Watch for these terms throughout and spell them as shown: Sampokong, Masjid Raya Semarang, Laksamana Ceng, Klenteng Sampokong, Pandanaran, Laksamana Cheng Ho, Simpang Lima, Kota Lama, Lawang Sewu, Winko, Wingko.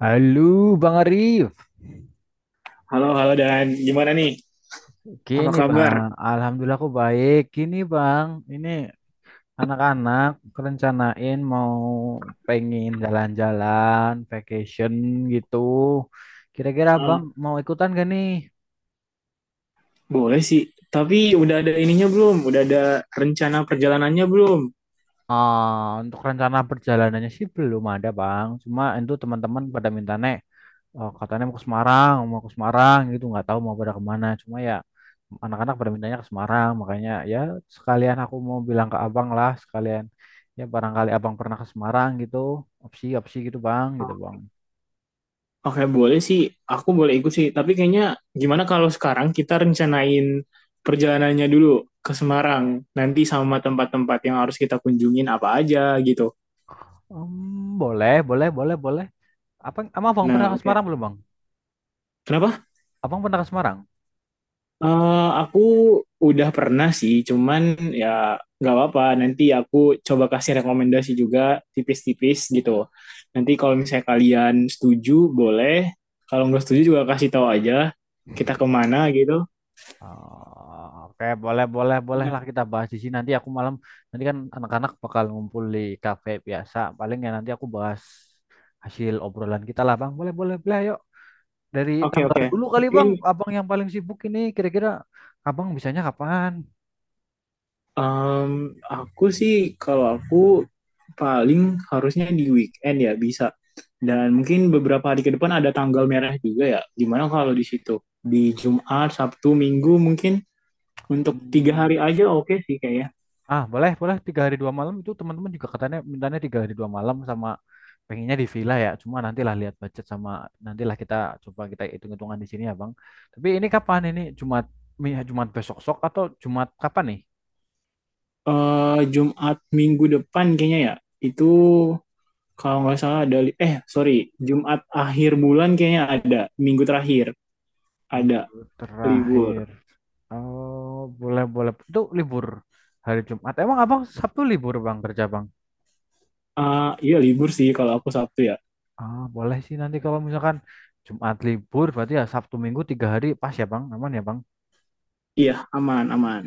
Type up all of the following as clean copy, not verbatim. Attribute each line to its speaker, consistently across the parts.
Speaker 1: Halo Bang Arif,
Speaker 2: Halo, halo Dan. Gimana nih? Apa
Speaker 1: gini
Speaker 2: kabar?
Speaker 1: Bang, Alhamdulillah aku baik. Gini Bang, ini anak-anak rencanain mau pengen jalan-jalan, vacation gitu. Kira-kira
Speaker 2: Hmm.
Speaker 1: Bang mau ikutan gak nih?
Speaker 2: Boleh sih. Tapi udah ada ininya belum? Udah ada rencana perjalanannya belum?
Speaker 1: Untuk rencana perjalanannya sih belum ada Bang, cuma itu teman-teman pada minta nek oh, katanya mau ke Semarang gitu, nggak tahu mau pada kemana. Cuma ya anak-anak pada mintanya ke Semarang, makanya ya sekalian aku mau bilang ke abang lah, sekalian ya barangkali abang pernah ke Semarang gitu, opsi-opsi gitu bang,
Speaker 2: Hmm.
Speaker 1: gitu bang.
Speaker 2: Oke, boleh sih. Aku boleh ikut sih. Tapi kayaknya gimana kalau sekarang kita rencanain perjalanannya dulu ke Semarang. Nanti sama tempat-tempat yang harus kita kunjungin apa aja gitu.
Speaker 1: Boleh, boleh, boleh, boleh. Apa, emang abang pernah
Speaker 2: Nah,
Speaker 1: ke
Speaker 2: oke.
Speaker 1: Semarang belum bang?
Speaker 2: Kenapa?
Speaker 1: Abang pernah ke Semarang?
Speaker 2: Eh, aku udah pernah sih, cuman ya nggak apa-apa. Nanti aku coba kasih rekomendasi juga tipis-tipis gitu. Nanti kalau misalnya kalian setuju, boleh. Kalau nggak setuju juga kasih tahu aja kita kemana gitu.
Speaker 1: Oh, oke, boleh, boleh,
Speaker 2: Nah,
Speaker 1: bolehlah kita bahas di sini. Nanti aku malam, nanti kan anak-anak bakal ngumpul di kafe biasa. Paling ya nanti aku bahas hasil obrolan kita lah, Bang. Boleh, boleh, boleh, ayo. Dari
Speaker 2: oke
Speaker 1: tanggal
Speaker 2: oke.
Speaker 1: dulu kali
Speaker 2: Mungkin
Speaker 1: Bang, Abang yang paling sibuk ini kira-kira Abang bisanya kapan?
Speaker 2: em, aku sih kalau aku paling harusnya di weekend ya bisa. Dan mungkin beberapa hari ke depan ada tanggal merah juga ya. Gimana kalau di situ? Di Jumat, Sabtu, Minggu mungkin? Untuk 3 hari
Speaker 1: Hmm,
Speaker 2: aja oke sih kayaknya.
Speaker 1: Boleh, boleh. Tiga hari dua malam itu teman-teman juga katanya mintanya tiga hari dua malam sama pengennya di villa ya. Cuma nantilah lihat budget sama nantilah kita coba hitung-hitungan di sini ya Bang. Tapi ini kapan ini? Jumat, Jumat besok sok atau Jumat kapan nih?
Speaker 2: Jumat minggu depan kayaknya ya. Itu kalau nggak salah ada li- eh sorry Jumat akhir bulan kayaknya ada. Minggu terakhir ada
Speaker 1: Minggu
Speaker 2: libur.
Speaker 1: terakhir. Oh, boleh, boleh. Itu libur hari Jumat. Emang Abang Sabtu libur Bang kerja Bang?
Speaker 2: Iya libur sih kalau aku Sabtu ya.
Speaker 1: Boleh sih nanti kalau misalkan Jumat libur berarti ya Sabtu Minggu tiga hari pas ya Bang, aman ya Bang.
Speaker 2: Iya, aman aman.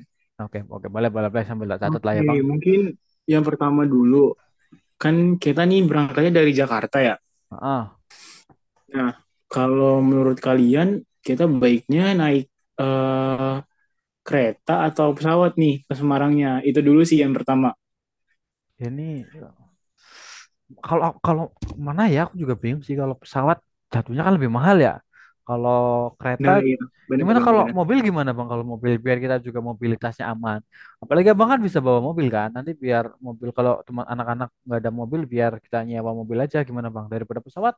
Speaker 1: Oke oke boleh boleh boleh sambil tak catat lah ya
Speaker 2: Oke,
Speaker 1: Bang.
Speaker 2: mungkin yang pertama dulu kan kita nih berangkatnya dari Jakarta ya.
Speaker 1: Ah,
Speaker 2: Nah, kalau menurut kalian kita baiknya naik eh kereta atau pesawat nih ke Semarangnya. Itu dulu sih yang pertama.
Speaker 1: ini kalau kalau mana ya aku juga bingung sih kalau pesawat jatuhnya kan lebih mahal ya. Kalau kereta
Speaker 2: Nah, iya. Benar,
Speaker 1: gimana
Speaker 2: benar,
Speaker 1: kalau
Speaker 2: benar.
Speaker 1: mobil gimana Bang kalau mobil biar kita juga mobilitasnya aman. Apalagi Abang kan bisa bawa mobil kan. Nanti biar mobil kalau teman anak-anak nggak ada mobil biar kita nyewa mobil aja gimana Bang daripada pesawat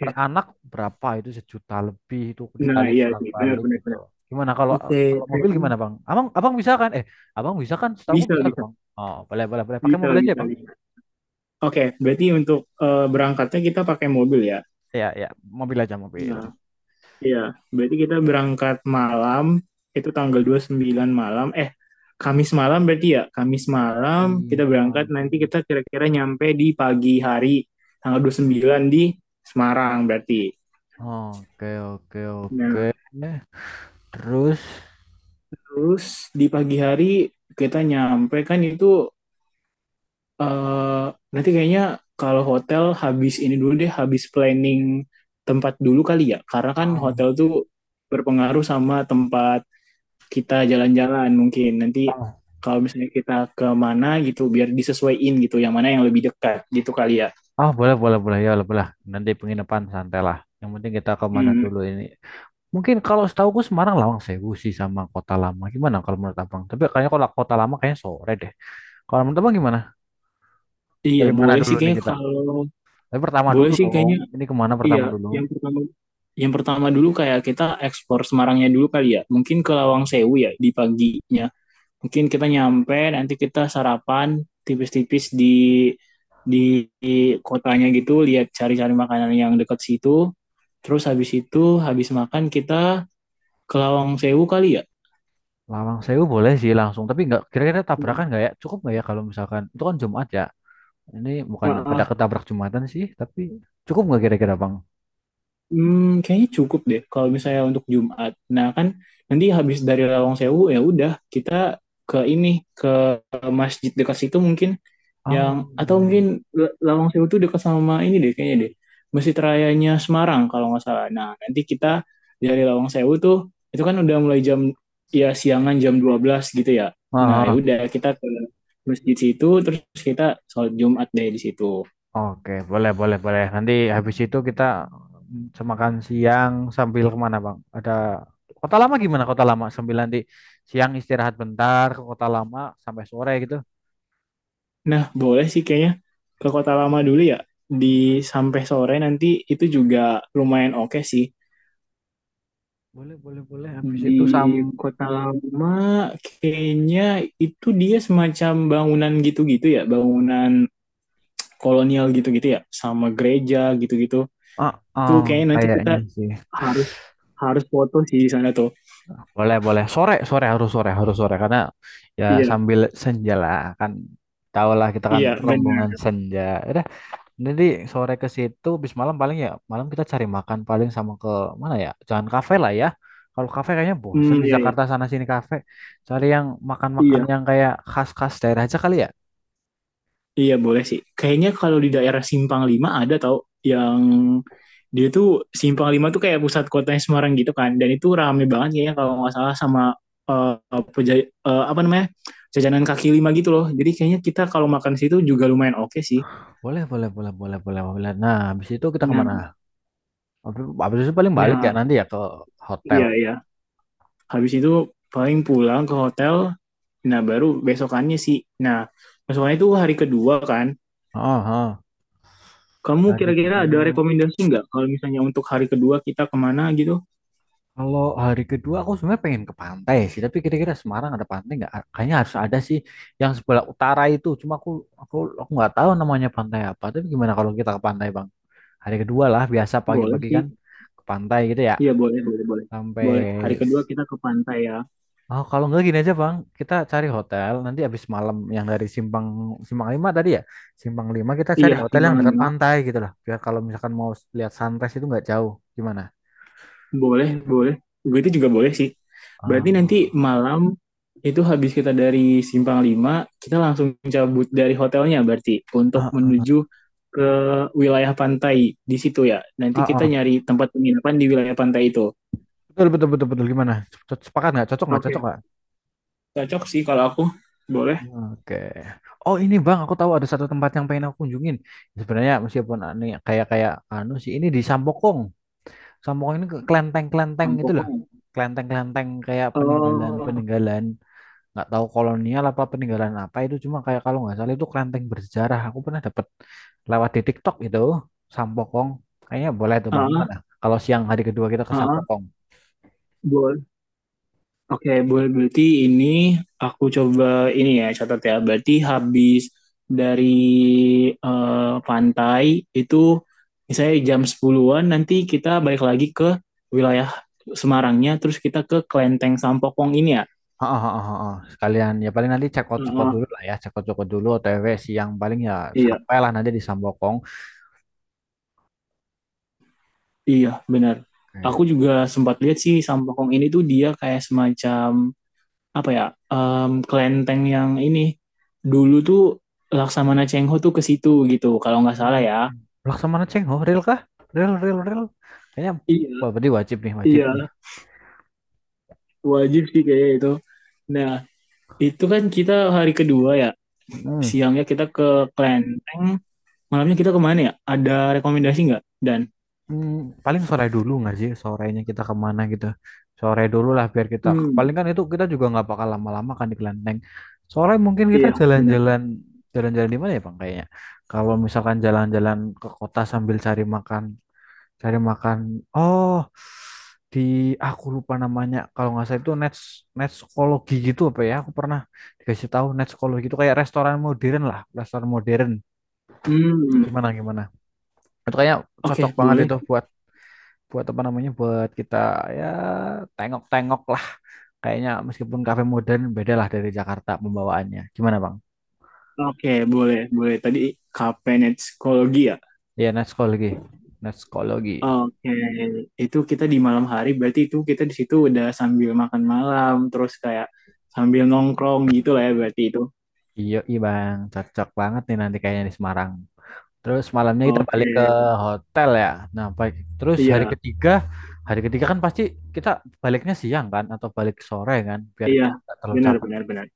Speaker 1: per anak berapa itu sejuta lebih itu
Speaker 2: Nah,
Speaker 1: dikali
Speaker 2: iya sih. Benar,
Speaker 1: bolak-balik
Speaker 2: benar,
Speaker 1: gitu.
Speaker 2: benar.
Speaker 1: Gimana kalau
Speaker 2: Oke.
Speaker 1: kalau mobil
Speaker 2: Kayaknya
Speaker 1: gimana bang? Abang abang bisa kan? Abang bisa kan? Setahu aku
Speaker 2: bisa,
Speaker 1: bisa loh
Speaker 2: bisa.
Speaker 1: bang. Oh boleh boleh boleh. Pakai
Speaker 2: Bisa,
Speaker 1: mobil aja ya
Speaker 2: bisa,
Speaker 1: bang?
Speaker 2: bisa. Oke, berarti untuk berangkatnya kita pakai mobil ya?
Speaker 1: Ya ya mobil aja mobil.
Speaker 2: Nah, iya. Berarti kita berangkat malam, itu tanggal 29 malam. Kamis malam berarti ya? Kamis malam
Speaker 1: Iya
Speaker 2: kita berangkat,
Speaker 1: kamu.
Speaker 2: nanti kita kira-kira nyampe di pagi hari, tanggal 29 di Semarang berarti.
Speaker 1: Oke oke oke.
Speaker 2: Nah,
Speaker 1: Terus
Speaker 2: terus di pagi hari kita nyampe kan itu eh nanti kayaknya kalau hotel habis ini dulu deh, habis planning tempat dulu kali ya. Karena kan
Speaker 1: ah
Speaker 2: hotel tuh berpengaruh sama tempat kita jalan-jalan mungkin. Nanti
Speaker 1: ah,
Speaker 2: kalau misalnya kita ke mana gitu, biar disesuaiin gitu, yang mana yang lebih dekat gitu kali ya.
Speaker 1: boleh boleh boleh ya boleh boleh. Nanti penginapan santai lah. Yang penting kita ke mana
Speaker 2: Hmm,
Speaker 1: dulu ini. Mungkin kalau setahu aku Semarang Lawang Sewu sih sama Kota Lama. Gimana kalau menurut abang? Tapi kayaknya kalau Kota Lama kayaknya sore deh. Kalau menurut Abang gimana?
Speaker 2: iya
Speaker 1: Dari mana
Speaker 2: boleh
Speaker 1: dulu
Speaker 2: sih
Speaker 1: nih
Speaker 2: kayaknya,
Speaker 1: kita?
Speaker 2: kalau
Speaker 1: Tapi pertama
Speaker 2: boleh
Speaker 1: dulu
Speaker 2: sih
Speaker 1: dong.
Speaker 2: kayaknya
Speaker 1: Ini kemana
Speaker 2: iya,
Speaker 1: pertama dulu?
Speaker 2: yang pertama yang pertama dulu kayak kita eksplor Semarangnya dulu kali ya. Mungkin ke Lawang Sewu ya di paginya. Mungkin kita nyampe, nanti kita sarapan tipis-tipis di di, di kotanya gitu, lihat cari-cari makanan yang dekat situ. Terus habis itu, habis makan kita ke Lawang Sewu kali ya?
Speaker 1: Lawang Sewu boleh sih langsung. Tapi nggak kira-kira tabrakan
Speaker 2: Hmm.
Speaker 1: nggak ya? Cukup nggak ya kalau misalkan itu kan Jumat ya? Ini bukan
Speaker 2: Ah,
Speaker 1: pada
Speaker 2: ah.
Speaker 1: ketabrak Jumatan sih, tapi cukup nggak kira-kira Bang?
Speaker 2: Kayaknya cukup deh kalau misalnya untuk Jumat. Nah kan nanti habis dari Lawang Sewu ya udah kita ke ini, ke masjid dekat situ mungkin, yang
Speaker 1: Oh.
Speaker 2: atau mungkin Lawang Sewu itu dekat sama ini deh kayaknya, deh Masjid Rayanya Semarang kalau nggak salah. Nah, nanti kita dari Lawang Sewu tuh, itu kan udah mulai jam, ya siangan, jam 12 gitu ya. Nah, ya
Speaker 1: Aha.
Speaker 2: udah kita ke masjid situ, terus kita sholat Jumat deh di situ.
Speaker 1: Oke, boleh boleh boleh. Nanti habis itu kita semakan siang sambil kemana Bang? Ada Kota Lama gimana Kota Lama? Sambil nanti siang istirahat bentar ke Kota Lama sampai sore gitu.
Speaker 2: Nah, boleh sih kayaknya ke Kota Lama dulu ya, di sampai sore, nanti itu juga lumayan oke sih.
Speaker 1: Boleh, boleh, boleh. Habis itu
Speaker 2: Di
Speaker 1: sam
Speaker 2: Kota Lama kayaknya itu dia semacam bangunan gitu-gitu ya, bangunan kolonial gitu-gitu ya, sama gereja gitu-gitu. Itu
Speaker 1: Heeh,
Speaker 2: kayaknya nanti kita
Speaker 1: kayaknya sih.
Speaker 2: harus harus foto sih di sana tuh.
Speaker 1: Boleh, boleh. Sore, sore harus sore, harus sore karena ya
Speaker 2: Iya,
Speaker 1: sambil senja lah kan Tahu lah kita kan
Speaker 2: iya
Speaker 1: rombongan
Speaker 2: benar.
Speaker 1: senja. Ya udah, nanti sore ke situ bis malam paling ya malam kita cari makan paling sama ke mana ya? Jangan kafe lah ya. Kalau kafe kayaknya
Speaker 2: Hmm,
Speaker 1: bosen di
Speaker 2: iya, iya.
Speaker 1: Jakarta sana sini kafe. Cari yang makan-makan
Speaker 2: Iya,
Speaker 1: yang kayak khas-khas daerah aja kali ya.
Speaker 2: iya, boleh sih. Kayaknya kalau di daerah Simpang Lima ada tau, yang dia tuh Simpang Lima tuh kayak pusat kotanya Semarang gitu kan. Dan itu rame banget kayaknya kalau nggak salah, sama eh, peja- apa namanya, jajanan kaki lima gitu loh. Jadi kayaknya kita kalau makan di situ juga lumayan oke sih.
Speaker 1: Boleh, boleh, boleh, boleh, boleh, boleh. Nah, habis itu kita
Speaker 2: Nah,
Speaker 1: kemana? Habis habis itu paling balik ya
Speaker 2: nah,
Speaker 1: nanti ya ke hotel.
Speaker 2: iya iya. Habis itu paling pulang ke hotel. Nah, baru besokannya sih. Nah, besokannya itu hari kedua kan.
Speaker 1: Oh, oh.
Speaker 2: Kamu
Speaker 1: Hari
Speaker 2: kira-kira ada
Speaker 1: kedua.
Speaker 2: rekomendasi nggak kalau misalnya untuk hari kedua kita kemana gitu?
Speaker 1: Kalau hari kedua aku sebenarnya pengen ke pantai sih, tapi kira-kira Semarang ada pantai nggak? Kayaknya harus ada sih yang sebelah utara itu. Cuma aku aku nggak tahu namanya pantai apa. Tapi gimana kalau kita ke pantai, Bang? Hari kedua lah, biasa
Speaker 2: Boleh
Speaker 1: pagi-pagi
Speaker 2: sih.
Speaker 1: kan ke pantai gitu ya.
Speaker 2: Iya, boleh, boleh, boleh.
Speaker 1: Sampai
Speaker 2: Boleh. Hari kedua kita ke pantai ya.
Speaker 1: Oh, kalau nggak gini aja, Bang. Kita cari hotel nanti habis malam yang dari Simpang Simpang Lima tadi ya. Simpang Lima kita
Speaker 2: Iya,
Speaker 1: cari hotel yang
Speaker 2: Simpang
Speaker 1: dekat
Speaker 2: Lima.
Speaker 1: pantai gitu lah. Biar kalau misalkan mau lihat sunrise itu nggak jauh. Gimana?
Speaker 2: Boleh, boleh. Gue itu juga boleh sih. Berarti nanti
Speaker 1: Ah,
Speaker 2: malam itu habis kita dari Simpang Lima, kita langsung cabut dari hotelnya berarti untuk
Speaker 1: ah,
Speaker 2: menuju
Speaker 1: ah,
Speaker 2: ke wilayah pantai di situ ya. Nanti
Speaker 1: ah,
Speaker 2: kita
Speaker 1: ah.
Speaker 2: nyari tempat penginapan di wilayah pantai itu.
Speaker 1: Betul, betul, betul, betul. Gimana? Cocok- Sepakat nggak? Cocok nggak?
Speaker 2: Oke.
Speaker 1: Cocok nggak?
Speaker 2: Cocok sih kalau aku. Boleh.
Speaker 1: Oke. Oh ini bang, aku tahu ada satu tempat yang pengen aku kunjungin. Sebenarnya meskipun aneh, kayak kayak anu sih, ini di Sampokong. Sampokong ini ke kelenteng-kelenteng gitu loh.
Speaker 2: Kampung.
Speaker 1: Kelenteng-kelenteng kayak
Speaker 2: Oh,
Speaker 1: peninggalan-peninggalan. Nggak tahu kolonial apa peninggalan apa itu. Cuma kayak kalau nggak salah itu kelenteng bersejarah. Aku pernah dapat lewat di TikTok itu Sampokong. Kayaknya boleh tuh bang.
Speaker 2: ah,
Speaker 1: Gimana? Kalau siang hari kedua kita ke
Speaker 2: ah, ah,
Speaker 1: Sampokong.
Speaker 2: boleh. Oke, boleh. Berarti ini aku coba ini ya catat ya. Berarti habis dari eh, pantai itu misalnya jam 10-an, nanti kita balik lagi ke wilayah Semarangnya, terus kita ke Klenteng Sampokong ini ya.
Speaker 1: Heeh, heeh, heeh. Sekalian ya paling nanti cekot-cekot
Speaker 2: Heeh,
Speaker 1: dulu lah ya, cekot-cekot dulu OTW siang paling ya
Speaker 2: iya,
Speaker 1: sampailah nanti di Sambokong.
Speaker 2: iya benar. Aku
Speaker 1: Oke.
Speaker 2: juga sempat lihat sih Sampokong ini tuh dia kayak semacam apa ya? Kelenteng yang ini dulu tuh Laksamana Cheng Ho tuh ke situ gitu kalau nggak salah
Speaker 1: Hmm.
Speaker 2: ya.
Speaker 1: Laksamana Ceng, oh real kah? Real, real, real. Kayaknya
Speaker 2: Iya,
Speaker 1: wah berarti wajib nih, wajib
Speaker 2: iya,
Speaker 1: nih.
Speaker 2: wajib sih kayaknya itu. Nah, itu kan kita hari kedua ya.
Speaker 1: Hmm.
Speaker 2: Siangnya kita ke Klenteng, malamnya kita kemana ya? Ada rekomendasi nggak? Dan
Speaker 1: Hmm, paling sore dulu nggak sih sorenya kita kemana gitu? Sore dulu lah biar kita paling
Speaker 2: hmm,
Speaker 1: kan itu kita juga nggak bakal lama-lama kan di kelenteng. Sore mungkin kita
Speaker 2: iya, benar.
Speaker 1: jalan-jalan di mana ya Bang kayaknya? Kalau misalkan jalan-jalan ke kota sambil cari makan. Oh, di aku lupa namanya. Kalau nggak salah itu net net psikologi gitu apa ya? Aku pernah dikasih tahu net psikologi itu kayak restoran modern lah, restoran modern.
Speaker 2: Hmm,
Speaker 1: Gimana gimana? Itu kayaknya cocok
Speaker 2: oke
Speaker 1: banget
Speaker 2: boleh.
Speaker 1: itu buat buat apa namanya buat kita ya tengok-tengok lah kayaknya meskipun kafe modern beda lah dari Jakarta pembawaannya gimana bang?
Speaker 2: Oke, boleh boleh. Tadi Kapenet Psikologi ya.
Speaker 1: Iya net psikologi
Speaker 2: Oke, itu kita di malam hari. Berarti itu kita di situ udah sambil makan malam, terus kayak sambil nongkrong gitu lah ya. Berarti itu.
Speaker 1: iya iya bang cocok banget nih nanti kayaknya di Semarang. Terus malamnya kita
Speaker 2: Oke,
Speaker 1: balik ke hotel ya. Nah, baik. Terus
Speaker 2: iya
Speaker 1: hari ketiga kan pasti kita baliknya siang kan atau balik sore kan biar
Speaker 2: iya,
Speaker 1: nggak terlalu
Speaker 2: benar
Speaker 1: capek.
Speaker 2: benar benar.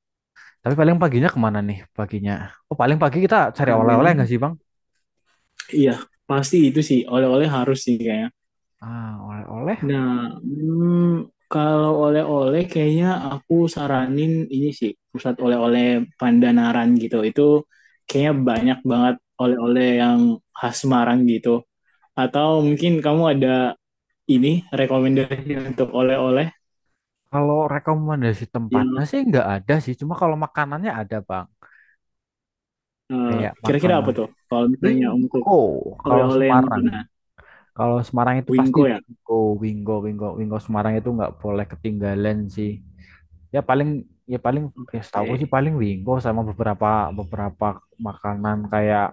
Speaker 1: Tapi paling paginya kemana nih paginya? Oh, paling pagi kita cari oleh-oleh
Speaker 2: Kayaknya
Speaker 1: nggak sih, Bang?
Speaker 2: iya, pasti itu sih. Oleh-oleh harus sih kayaknya.
Speaker 1: Ah, oleh-oleh.
Speaker 2: Nah, kalau oleh-oleh kayaknya aku saranin ini sih, pusat oleh-oleh Pandanaran gitu. Itu kayaknya banyak banget oleh-oleh yang khas Semarang gitu. Atau mungkin kamu ada ini rekomendasi untuk oleh-oleh
Speaker 1: Kalau rekomendasi tempatnya
Speaker 2: yang
Speaker 1: sih nggak ada sih. Cuma kalau makanannya ada, Bang.
Speaker 2: eh,
Speaker 1: Kayak
Speaker 2: kira-kira apa
Speaker 1: makanan
Speaker 2: tuh? Kalau misalnya untuk
Speaker 1: Wingko kalau
Speaker 2: oleh-oleh yang
Speaker 1: Semarang.
Speaker 2: makanan,
Speaker 1: Kalau Semarang itu pasti
Speaker 2: Winko ya.
Speaker 1: Wingko Semarang itu nggak boleh ketinggalan sih. ya paling ya paling ya setahu sih
Speaker 2: Oke.
Speaker 1: paling Wingo sama beberapa beberapa makanan kayak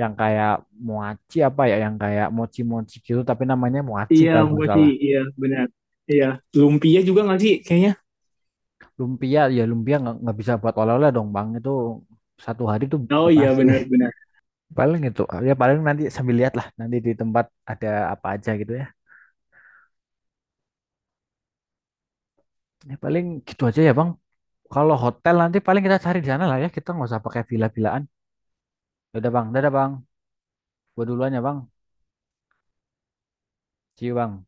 Speaker 1: yang kayak moaci apa ya yang kayak mochi-mochi gitu tapi namanya moaci
Speaker 2: Iya,
Speaker 1: kalau nggak
Speaker 2: gua sih,
Speaker 1: salah
Speaker 2: iya benar. Iya, lumpia juga nggak sih? Kayaknya.
Speaker 1: lumpia ya lumpia nggak bisa buat oleh-oleh dong bang itu satu hari tuh
Speaker 2: Oh,
Speaker 1: udah
Speaker 2: iya,
Speaker 1: pasti
Speaker 2: benar, benar
Speaker 1: paling itu ya paling nanti sambil lihat lah nanti di tempat ada apa aja gitu ya ya paling gitu aja ya bang kalau hotel nanti paling kita cari di sana lah ya kita nggak usah pakai villa-villaan ya udah bang dadah bang gua duluan ya bang see you bang